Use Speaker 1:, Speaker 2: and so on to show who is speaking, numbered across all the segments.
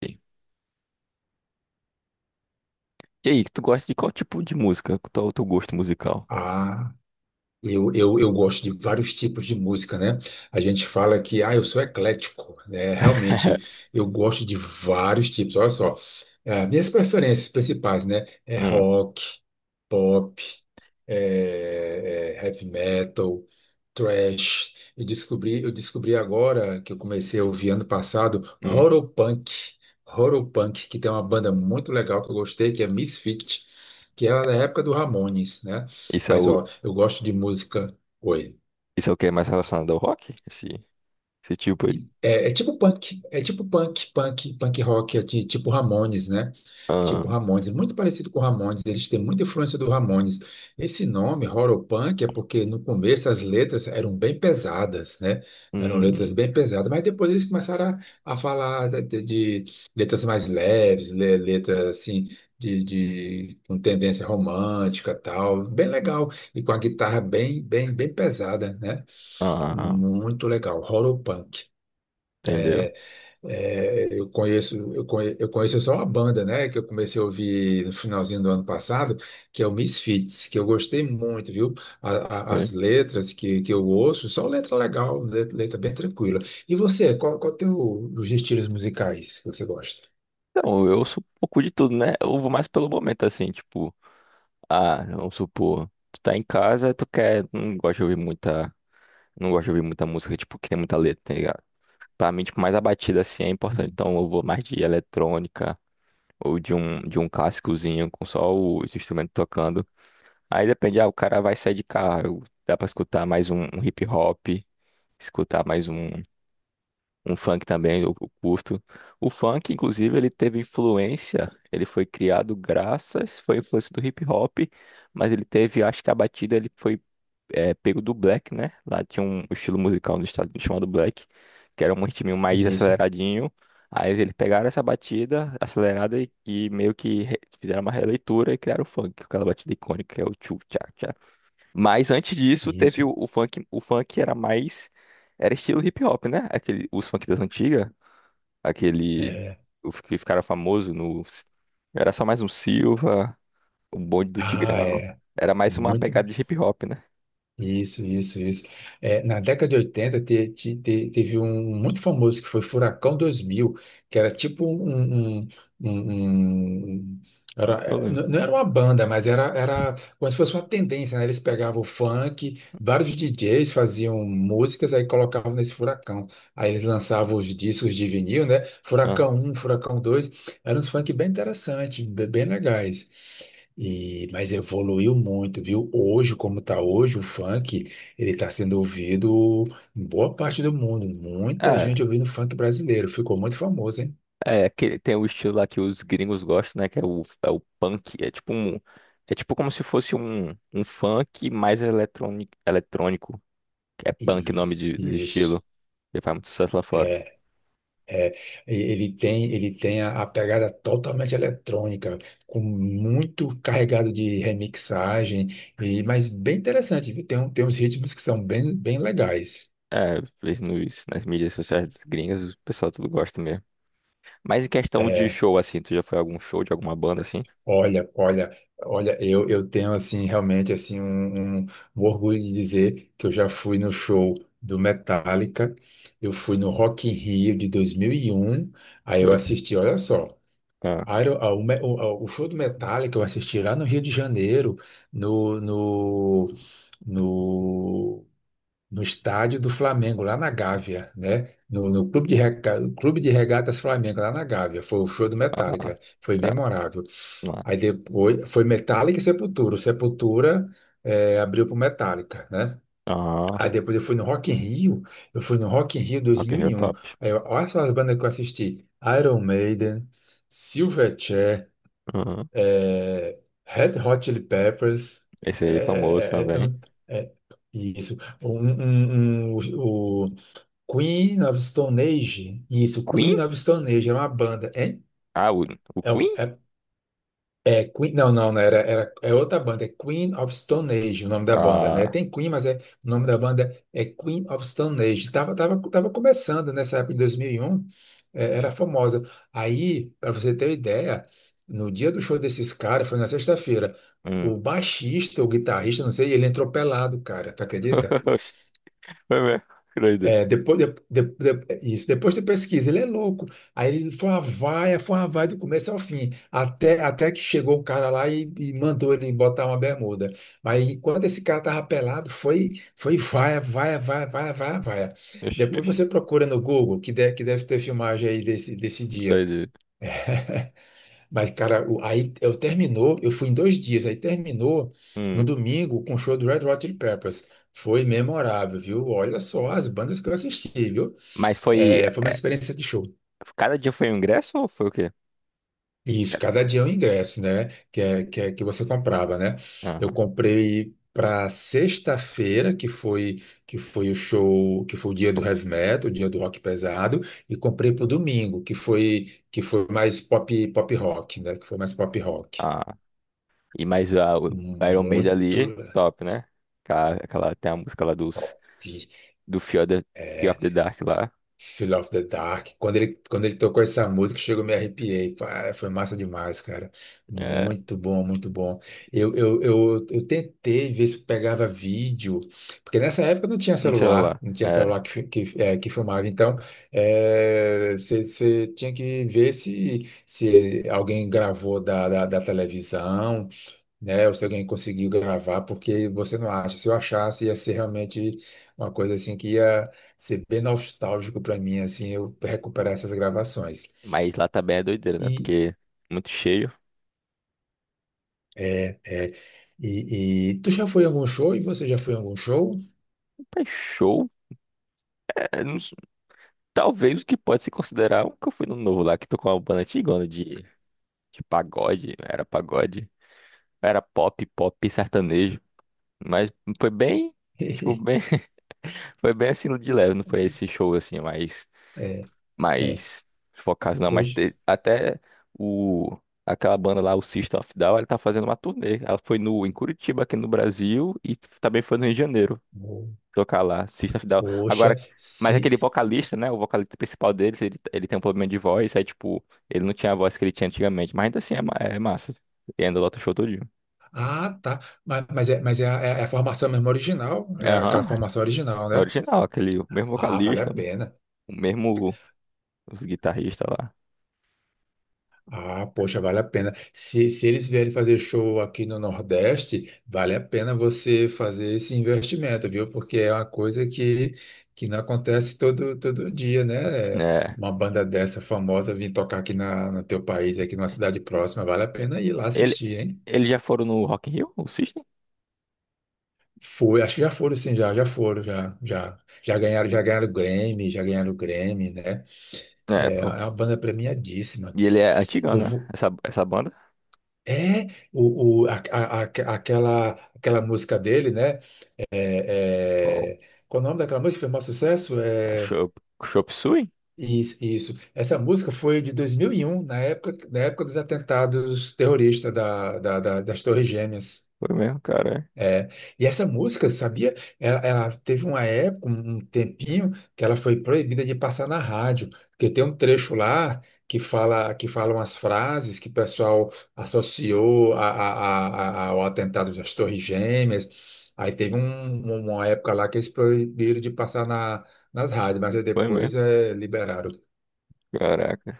Speaker 1: Ok. E aí, tu gosta de qual tipo de música? Qual é o teu gosto musical?
Speaker 2: Ah, eu gosto de vários tipos de música, né? A gente fala que, eu sou eclético, né? Realmente, eu gosto de vários tipos. Olha só, minhas preferências principais, né? É
Speaker 1: Hum,
Speaker 2: rock, pop, heavy metal, thrash. Eu descobri agora, que eu comecei a ouvir ano passado,
Speaker 1: hum.
Speaker 2: Horopunk. Horopunk, que tem uma banda muito legal que eu gostei, que é Misfit, que era da época do Ramones, né?
Speaker 1: Isso é
Speaker 2: Mas,
Speaker 1: o,
Speaker 2: ó, eu gosto de música. Oi.
Speaker 1: isso é o que é mais relacionado ao rock? Esse tipo aí?
Speaker 2: É tipo punk, punk, punk rock, tipo Ramones, né?
Speaker 1: Ah,
Speaker 2: Tipo Ramones, muito parecido com Ramones, eles têm muita influência do Ramones. Esse nome, horror punk, é porque no começo as letras eram bem pesadas, né? Eram letras
Speaker 1: hum,
Speaker 2: bem pesadas, mas depois eles começaram a falar de letras mais leves, letras assim, de com tendência romântica e tal, bem legal, e com a guitarra bem, bem, bem pesada, né?
Speaker 1: ah,
Speaker 2: Muito legal, Horopunk.
Speaker 1: entendeu?
Speaker 2: É, eu conheço só uma banda, né, que eu comecei a ouvir no finalzinho do ano passado, que é o Misfits, que eu gostei muito, viu?
Speaker 1: Foi.
Speaker 2: As letras que eu ouço, só letra legal, letra, bem tranquila. E você, qual teu, os estilos musicais que você gosta?
Speaker 1: Então, eu sou um pouco de tudo, né? Eu vou mais pelo momento, assim, tipo, ah, vamos supor, tu tá em casa, tu quer, não gosta de ouvir muita, não gosta de ouvir muita música, tipo, que tem muita letra, tá ligado? Pra mim, tipo, mais a batida, assim, é importante.
Speaker 2: Hum.
Speaker 1: Então, eu vou mais de eletrônica, ou de um cascozinho com só os instrumentos tocando. Aí depende, ah, o cara vai sair de carro, dá pra escutar mais um hip hop, escutar mais um, um funk também, eu curto. O funk, inclusive, ele teve influência, ele foi criado graças, foi influência do hip hop, mas ele teve, acho que a batida ele foi é, pego do Black, né? Lá tinha um estilo musical nos Estados Unidos chamado Black, que era um ritminho mais
Speaker 2: Isso,
Speaker 1: aceleradinho. Aí eles pegaram essa batida acelerada e meio que re- fizeram uma releitura e criaram o funk, aquela batida icônica que é o tchu tchá tchá. Mas antes disso
Speaker 2: isso.
Speaker 1: teve o funk, o funk era mais era estilo hip hop, né? Aquele os funk das antigas, aquele o que ficaram famoso no era só mais um Silva, o bonde do
Speaker 2: Ah,
Speaker 1: Tigrão.
Speaker 2: é.
Speaker 1: Era mais uma
Speaker 2: Muito.
Speaker 1: pegada de hip hop, né?
Speaker 2: Isso, isso, isso. É, na década de 80 teve um muito famoso que foi Furacão 2000, que era tipo um,
Speaker 1: Eu lembro.
Speaker 2: não não era uma banda, mas era, era como se fosse uma tendência, né? Eles pegavam o funk, vários DJs faziam músicas, aí colocavam nesse Furacão. Aí eles lançavam os discos de vinil, né? Furacão um, Furacão dois, eram uns funk bem interessantes, bem legais. E, mas evoluiu muito, viu? Hoje, como está hoje, o funk, ele está sendo ouvido em boa parte do mundo. Muita
Speaker 1: Ah,
Speaker 2: gente ouvindo funk brasileiro. Ficou muito famoso, hein?
Speaker 1: é que tem o estilo lá que os gringos gostam, né? Que é o, é o punk. É tipo um, é tipo como se fosse um, um funk mais eletrônico, eletrônico. Que É punk o nome
Speaker 2: Isso,
Speaker 1: de, do
Speaker 2: isso.
Speaker 1: estilo. Ele faz muito sucesso lá fora.
Speaker 2: Ele tem a pegada totalmente eletrônica, com muito carregado de remixagem, e, mas bem interessante, viu? Tem, tem uns ritmos que são bem, bem legais.
Speaker 1: É, vez nos, nas mídias sociais gringas, o pessoal tudo gosta mesmo. Mas em questão de
Speaker 2: É,
Speaker 1: show, assim, tu já foi a algum show de alguma banda assim?
Speaker 2: olha, olha, olha, eu tenho assim realmente assim um orgulho de dizer que eu já fui no show do Metallica, eu fui no Rock in Rio de 2001, aí eu assisti, olha só,
Speaker 1: Ah,
Speaker 2: Iron- a- o, Me- o- ah, o show do Metallica eu assisti lá no Rio de Janeiro, no, no, no no estádio do Flamengo, lá na Gávea, né? No Clube de Regatas Flamengo, lá na Gávea. Foi o show do
Speaker 1: ah, ah,
Speaker 2: Metallica, foi
Speaker 1: cara,
Speaker 2: memorável.
Speaker 1: ah,
Speaker 2: Aí depois foi Metallica e Sepultura. O Sepultura abriu para o Metallica, né?
Speaker 1: ah,
Speaker 2: Aí depois eu fui no Rock in Rio, eu fui no Rock in Rio
Speaker 1: ok, é
Speaker 2: 2001.
Speaker 1: top.
Speaker 2: Olha só as bandas que eu assisti: Iron Maiden, Silverchair,
Speaker 1: Aham.
Speaker 2: é, Red Hot Chili Peppers,
Speaker 1: Esse aí é famoso
Speaker 2: é, é, é,
Speaker 1: também.
Speaker 2: um, é, isso, um- um- o Queen of Stone Age, isso, Queen
Speaker 1: Queen?
Speaker 2: of Stone Age, era uma banda, hein?
Speaker 1: Ah, o
Speaker 2: É,
Speaker 1: Queen?
Speaker 2: é é Queen, não, não, não, era, era, é outra banda, é Queen of Stone Age o nome da banda, né?
Speaker 1: Ah.
Speaker 2: Tem Queen, o nome da banda é Queen of Stone Age. Tava começando nessa época, em 2001, era famosa. Aí, para você ter uma ideia, no dia do show desses caras, foi na sexta-feira,
Speaker 1: Hum.
Speaker 2: o baixista, o guitarrista, não sei, ele entrou pelado, cara, tu acredita?
Speaker 1: Foi mesmo. Que doideira.
Speaker 2: É, depois isso, depois de pesquisa, ele é louco. Aí ele foi uma vaia do começo ao fim, até que chegou um cara lá e mandou ele botar uma bermuda. Mas enquanto esse cara tava pelado, foi vaia, vaia, vaia, vaia, vaia, vaia.
Speaker 1: Oxi,
Speaker 2: Depois
Speaker 1: oxi,
Speaker 2: você procura no Google, que deve ter filmagem aí desse dia.
Speaker 1: doideira.
Speaker 2: Mas, cara, o- aí eu terminou, eu fui em dois dias, aí terminou no
Speaker 1: Hum.
Speaker 2: domingo com o show do Red Hot Chili Peppers. Foi memorável, viu? Olha só as bandas que eu assisti, viu?
Speaker 1: Mas foi.
Speaker 2: É, foi uma experiência de show.
Speaker 1: Cada dia foi um ingresso ou foi o quê?
Speaker 2: Isso,
Speaker 1: Cada-
Speaker 2: cada dia é um ingresso, né? Que você comprava, né? Eu
Speaker 1: ah,
Speaker 2: comprei para sexta-feira, que foi o show, que foi o dia do
Speaker 1: pronto.
Speaker 2: heavy metal, o dia do rock pesado, e comprei para o domingo, que foi mais pop rock, né? Que foi mais pop rock.
Speaker 1: Ah, e mais a, o Iron Maiden
Speaker 2: Muito
Speaker 1: ali, top, né? Aquela, aquela- tem a música lá dos,
Speaker 2: top.
Speaker 1: do Fear of the Dark lá.
Speaker 2: Fear of the Dark. Quando ele tocou essa música, chegou, me arrepiei. Ah, foi massa demais, cara.
Speaker 1: É,
Speaker 2: Muito bom, muito bom. Eu tentei ver se pegava vídeo, porque nessa época não tinha
Speaker 1: não sei
Speaker 2: celular,
Speaker 1: lá.
Speaker 2: não tinha
Speaker 1: É,
Speaker 2: celular que, que filmava. Então, você tinha que ver se, se alguém gravou da televisão, né? Ou se alguém conseguiu gravar, porque você não acha. Se eu achasse, ia ser realmente uma coisa assim que ia ser bem nostálgico para mim, assim, eu recuperar essas gravações.
Speaker 1: mas lá também é doideira, né?
Speaker 2: E
Speaker 1: Porque muito cheio.
Speaker 2: é. E tu já foi a algum show? E você já foi a algum show?
Speaker 1: É show. É, não s- talvez o que pode se considerar um que eu fui no novo lá, que tocou uma banda antigona de pagode. Era pagode. Era pop, pop sertanejo. Mas foi bem, tipo, bem, foi bem assim de leve, não foi esse show assim, mais,
Speaker 2: É, é.
Speaker 1: mais focado não, mas te-
Speaker 2: Hoje.
Speaker 1: até o aquela banda lá, o System of a Down, ela tá fazendo uma turnê. Ela foi no em Curitiba aqui no Brasil e também foi no Rio de Janeiro
Speaker 2: Ho-
Speaker 1: tocar lá, System of a Down.
Speaker 2: Poxa,
Speaker 1: Agora, mas
Speaker 2: se.
Speaker 1: aquele vocalista, né, o vocalista principal deles, ele tem um problema de voz, aí tipo, ele não tinha a voz que ele tinha antigamente, mas ainda assim é, ma- é massa. E ainda lota o show todinho.
Speaker 2: Ah, tá. Mas é a formação mesmo original, é aquela
Speaker 1: Aham.
Speaker 2: formação original,
Speaker 1: Na
Speaker 2: né?
Speaker 1: original, aquele, o mesmo
Speaker 2: Ah, vale a
Speaker 1: vocalista,
Speaker 2: pena.
Speaker 1: o mesmo os guitarristas lá.
Speaker 2: Ah, poxa, vale a pena. Se eles vierem fazer show aqui no Nordeste, vale a pena você fazer esse investimento, viu? Porque é uma coisa que não acontece todo dia, né?
Speaker 1: É.
Speaker 2: Uma banda dessa famosa vir tocar aqui no teu país, aqui numa cidade próxima, vale a pena ir lá
Speaker 1: Ele,
Speaker 2: assistir, hein?
Speaker 1: eles já foram no Rock in Rio, o System?
Speaker 2: Foi, acho que já foram sim, já ganharam o Grammy, já ganharam o Grammy, né?
Speaker 1: É,
Speaker 2: É, é
Speaker 1: pô.
Speaker 2: uma banda premiadíssima.
Speaker 1: E ele é antigão,
Speaker 2: Eu
Speaker 1: né?
Speaker 2: vou,
Speaker 1: Essa banda.
Speaker 2: É, o, a- aquela, Aquela música dele, né?
Speaker 1: Qual?
Speaker 2: É, é, qual o nome daquela música que foi o maior sucesso?
Speaker 1: É Chop, Chop Suey?
Speaker 2: Isso, isso. Essa música foi de 2001 na época dos atentados terroristas das Torres Gêmeas.
Speaker 1: Foi mesmo, cara.
Speaker 2: É, e essa música, sabia? Ela teve uma época, um tempinho, que ela foi proibida de passar na rádio, porque tem um trecho lá que falam as frases que o pessoal associou ao atentado das Torres Gêmeas. Aí teve uma época lá que eles proibiram de passar nas rádios, mas aí
Speaker 1: Foi mesmo.
Speaker 2: depois liberaram.
Speaker 1: Caraca.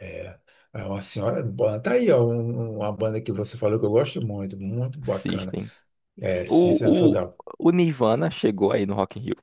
Speaker 2: É, é uma senhora banda. Tá aí, ó, uma banda que você falou que eu gosto muito, muito bacana.
Speaker 1: System.
Speaker 2: É, System of a
Speaker 1: O, o,
Speaker 2: Down.
Speaker 1: o Nirvana chegou aí no Rock in Rio?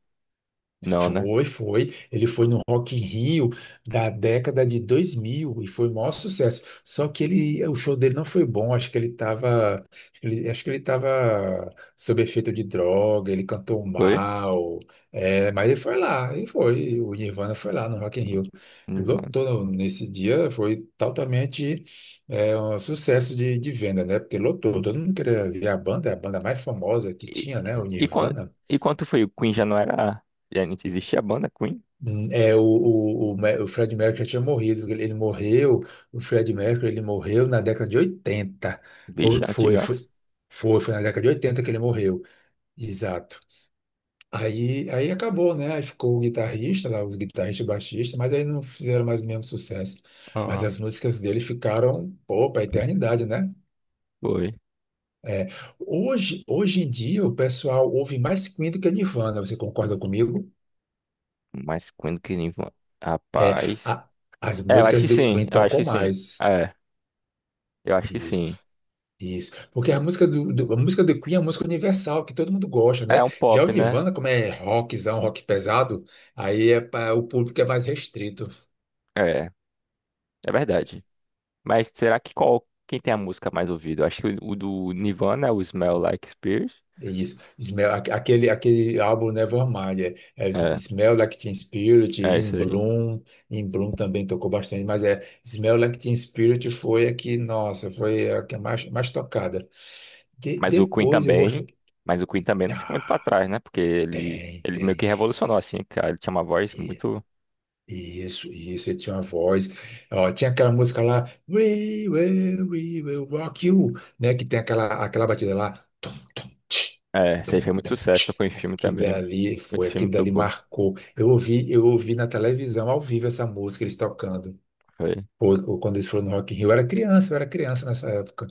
Speaker 1: Não, né?
Speaker 2: Foi, foi. Ele foi no Rock in Rio da década de 2000 e foi o maior sucesso. Só que ele, o show dele não foi bom. Acho que ele estava, acho que ele estava sob efeito de droga. Ele cantou
Speaker 1: Foi?
Speaker 2: mal. É, mas ele foi lá, ele foi. O Nirvana foi lá no Rock in Rio.
Speaker 1: Nirvana.
Speaker 2: Lotou nesse dia. Foi totalmente um sucesso de venda, né? Porque lotou.
Speaker 1: Hum.
Speaker 2: Todo mundo queria ver a banda, é a banda mais famosa que
Speaker 1: E,
Speaker 2: tinha, né? O
Speaker 1: e, quando,
Speaker 2: Nirvana.
Speaker 1: e quando foi? O Queen já não era. Já não existia a banda Queen?
Speaker 2: O Fred Mercury já tinha morrido, porque ele morreu, o Fred Mercury, ele morreu na década de 80.
Speaker 1: Bicha,
Speaker 2: Ou foi, foi,
Speaker 1: antigaço.
Speaker 2: foi, Foi na década de 80 que ele morreu, exato. Aí acabou, né? Aí ficou o guitarrista lá, os guitarristas, e baixista, mas aí não fizeram mais o mesmo sucesso. Mas as
Speaker 1: Aham.
Speaker 2: músicas dele ficaram, pô, pra eternidade, né?
Speaker 1: Foi.
Speaker 2: É, hoje em dia o pessoal ouve mais Queen do que Nirvana, você concorda comigo?
Speaker 1: Mas quando que ele... va-
Speaker 2: É,
Speaker 1: Rapaz...
Speaker 2: a- As
Speaker 1: É, eu acho
Speaker 2: músicas
Speaker 1: que
Speaker 2: do
Speaker 1: sim.
Speaker 2: Queen
Speaker 1: Eu acho
Speaker 2: tocam
Speaker 1: que sim.
Speaker 2: mais.
Speaker 1: É, eu acho que
Speaker 2: Isso,
Speaker 1: sim.
Speaker 2: isso. Porque a música a música do Queen é uma música universal, que todo mundo gosta,
Speaker 1: É
Speaker 2: né?
Speaker 1: um
Speaker 2: Já o
Speaker 1: pop, né?
Speaker 2: Nirvana, como é rockzão, rock pesado, aí é para o público é mais restrito.
Speaker 1: É, é verdade. Mas será que qual... Quem tem a música mais ouvida? Eu acho que o do Nirvana é o Smell Like Spirit.
Speaker 2: Isso. Aquele álbum Nevermind, é
Speaker 1: É,
Speaker 2: Smell Like Teen Spirit,
Speaker 1: é isso
Speaker 2: In
Speaker 1: aí.
Speaker 2: Bloom, In Bloom também tocou bastante, mas é Smell Like Teen Spirit foi a que, nossa, foi a que é mais, mais tocada.
Speaker 1: Mas o Queen
Speaker 2: Depois eu gosto.
Speaker 1: também... Mas o Queen também não fica muito pra
Speaker 2: Ah,
Speaker 1: trás, né? Porque ele...
Speaker 2: tem,
Speaker 1: Ele meio que
Speaker 2: tem.
Speaker 1: revolucionou, assim, cara. Ele tinha uma voz muito...
Speaker 2: Isso, ele tinha uma voz. Ó, tinha aquela música lá, We Will, We Will Rock You, né? Que tem aquela, aquela batida lá. Tum, tum, tch,
Speaker 1: É, isso aí
Speaker 2: tum,
Speaker 1: fez muito
Speaker 2: tum,
Speaker 1: sucesso.
Speaker 2: tch.
Speaker 1: Tocou em filme
Speaker 2: Aquilo
Speaker 1: também.
Speaker 2: dali
Speaker 1: Muito
Speaker 2: foi,
Speaker 1: filme
Speaker 2: aquilo dali
Speaker 1: tocou.
Speaker 2: marcou. Eu ouvi na televisão ao vivo essa música, eles tocando.
Speaker 1: Foi.
Speaker 2: Foi quando eles foram no Rock in Rio. Eu era criança nessa época.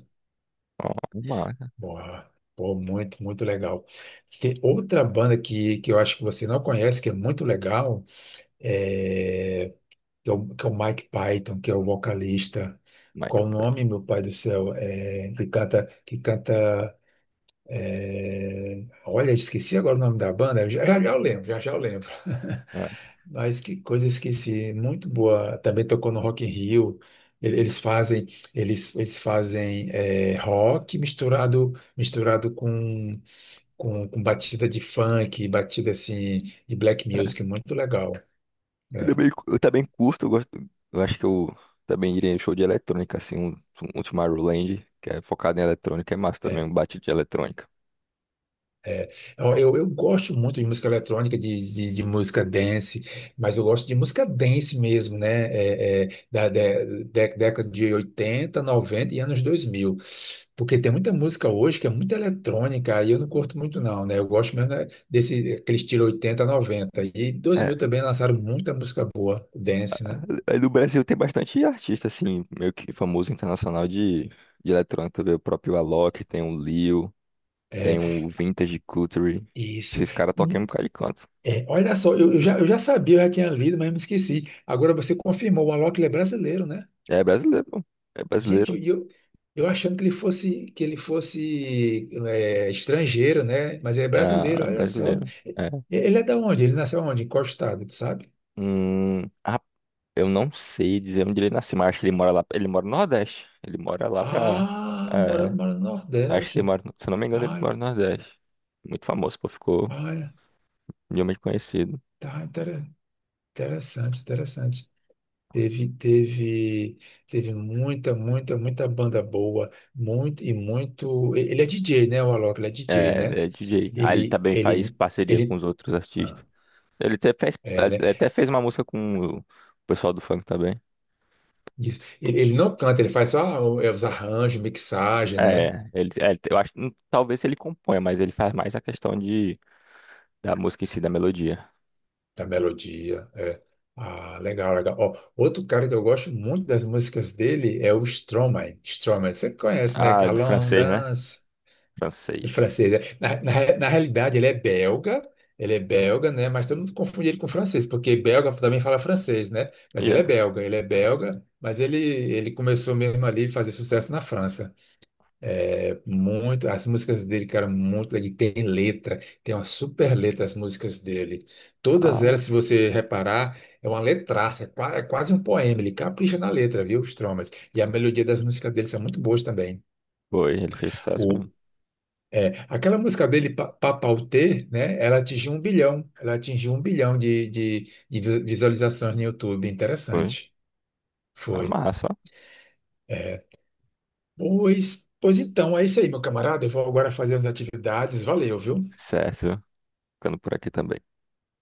Speaker 1: Ó, uma...
Speaker 2: Boa, pô, muito, muito legal. Tem outra banda que eu acho que você não conhece, que é muito legal. é que é o Mike Python, que é o vocalista.
Speaker 1: Como é que
Speaker 2: Qual o
Speaker 1: pode?
Speaker 2: nome, meu pai do céu? Que canta, que canta. Olha, esqueci agora o nome da banda. Já eu lembro, já eu lembro. Mas que coisa, esqueci. Muito boa. Também tocou no Rock in Rio. Eles fazem, eles fazem rock misturado misturado com batida de funk, batida assim de black music, muito legal,
Speaker 1: Eu
Speaker 2: né?
Speaker 1: também, eu também curto, eu gosto. Eu acho que eu também iria em show de eletrônica, assim, um Tomorrowland, que é focado em eletrônica, é massa também, um bate de eletrônica.
Speaker 2: Ó, eu gosto muito de música eletrônica, de música dance, mas eu gosto de música dance mesmo, né? Década de 80, 90 e anos dois mil. Porque tem muita música hoje que é muito eletrônica, aí eu não curto muito não, né? Eu gosto mesmo né, desse aquele estilo 80, noventa. E dois mil
Speaker 1: É.
Speaker 2: também lançaram muita música boa, dance, né?
Speaker 1: Aí no Brasil tem bastante artista, assim, meio que famoso internacional de eletrônica. Tu vê o próprio Alok, tem o Lil, tem o Vintage Culture.
Speaker 2: Isso.
Speaker 1: Esses caras tocam em um
Speaker 2: Hum,
Speaker 1: bocado de canto.
Speaker 2: olha só, eu já sabia, eu já tinha lido, mas me esqueci. Agora você confirmou, o Alok ele é brasileiro, né?
Speaker 1: É brasileiro, pô. É
Speaker 2: Gente,
Speaker 1: brasileiro.
Speaker 2: eu achando que ele fosse estrangeiro, né? Mas é
Speaker 1: Ah,
Speaker 2: brasileiro,
Speaker 1: é
Speaker 2: olha só.
Speaker 1: brasileiro.
Speaker 2: E-
Speaker 1: É.
Speaker 2: Ele é da onde? Ele nasceu onde? Em qual estado, tu sabe?
Speaker 1: Hum, eu não sei dizer onde ele nasceu, mas acho que ele mora lá. Ele mora no Nordeste. Ele mora lá pra.
Speaker 2: Ah, mora,
Speaker 1: É,
Speaker 2: mora no
Speaker 1: acho que ele
Speaker 2: Nordeste.
Speaker 1: mora. No- Se eu não me engano, ele
Speaker 2: Ah,
Speaker 1: mora no Nordeste. Muito famoso, pô, ficou
Speaker 2: olha,
Speaker 1: mundialmente conhecido.
Speaker 2: tá inter- interessante, interessante. Teve, teve, Teve muita, muita, muita banda boa, muito e muito. Ele é DJ, né, o Alok? Ele é DJ, né?
Speaker 1: É, é DJ. Ah, ele
Speaker 2: Ele,
Speaker 1: também faz
Speaker 2: ele,
Speaker 1: parceria com os
Speaker 2: ele.
Speaker 1: outros artistas.
Speaker 2: ah,
Speaker 1: Ele até fez,
Speaker 2: né?
Speaker 1: ele até fez uma música com o pessoal do funk também.
Speaker 2: Isso. Ele não canta, ele faz só os arranjos, mixagem, né?
Speaker 1: É, ele, é, eu acho, talvez ele componha, mas ele faz mais a questão de da música em si, da melodia.
Speaker 2: Da melodia. É. Ah, legal, legal. Ó, outro cara que eu gosto muito das músicas dele é o Stromae. Stromae, você conhece, né?
Speaker 1: Ah, é do
Speaker 2: Alone
Speaker 1: francês, né?
Speaker 2: Dance, do
Speaker 1: Francês.
Speaker 2: francês, né? Na realidade, ele é belga, né? Mas todo mundo confunde ele com francês, porque belga também fala francês, né? Mas
Speaker 1: Yeah.
Speaker 2: ele é belga, mas ele começou mesmo ali a fazer sucesso na França. As músicas dele, cara, muito, ele tem letra, tem uma super letra as músicas dele. Todas
Speaker 1: Ah,
Speaker 2: elas, se você reparar, é uma letraça, é quase um poema, ele capricha na letra, viu, Stromae? E a melodia das músicas dele são muito boas também.
Speaker 1: foi, ele fez sucesso
Speaker 2: O,
Speaker 1: mesmo.
Speaker 2: Aquela música dele, Papauté, né, ela atingiu 1 bilhão, ela atingiu um bilhão de visualizações no YouTube,
Speaker 1: Foi.
Speaker 2: interessante.
Speaker 1: Na
Speaker 2: Foi.
Speaker 1: massa, ó.
Speaker 2: É, pois, pois então, é isso aí, meu camarada, eu vou agora fazer as atividades, valeu, viu?
Speaker 1: Certo. Ficando por aqui também.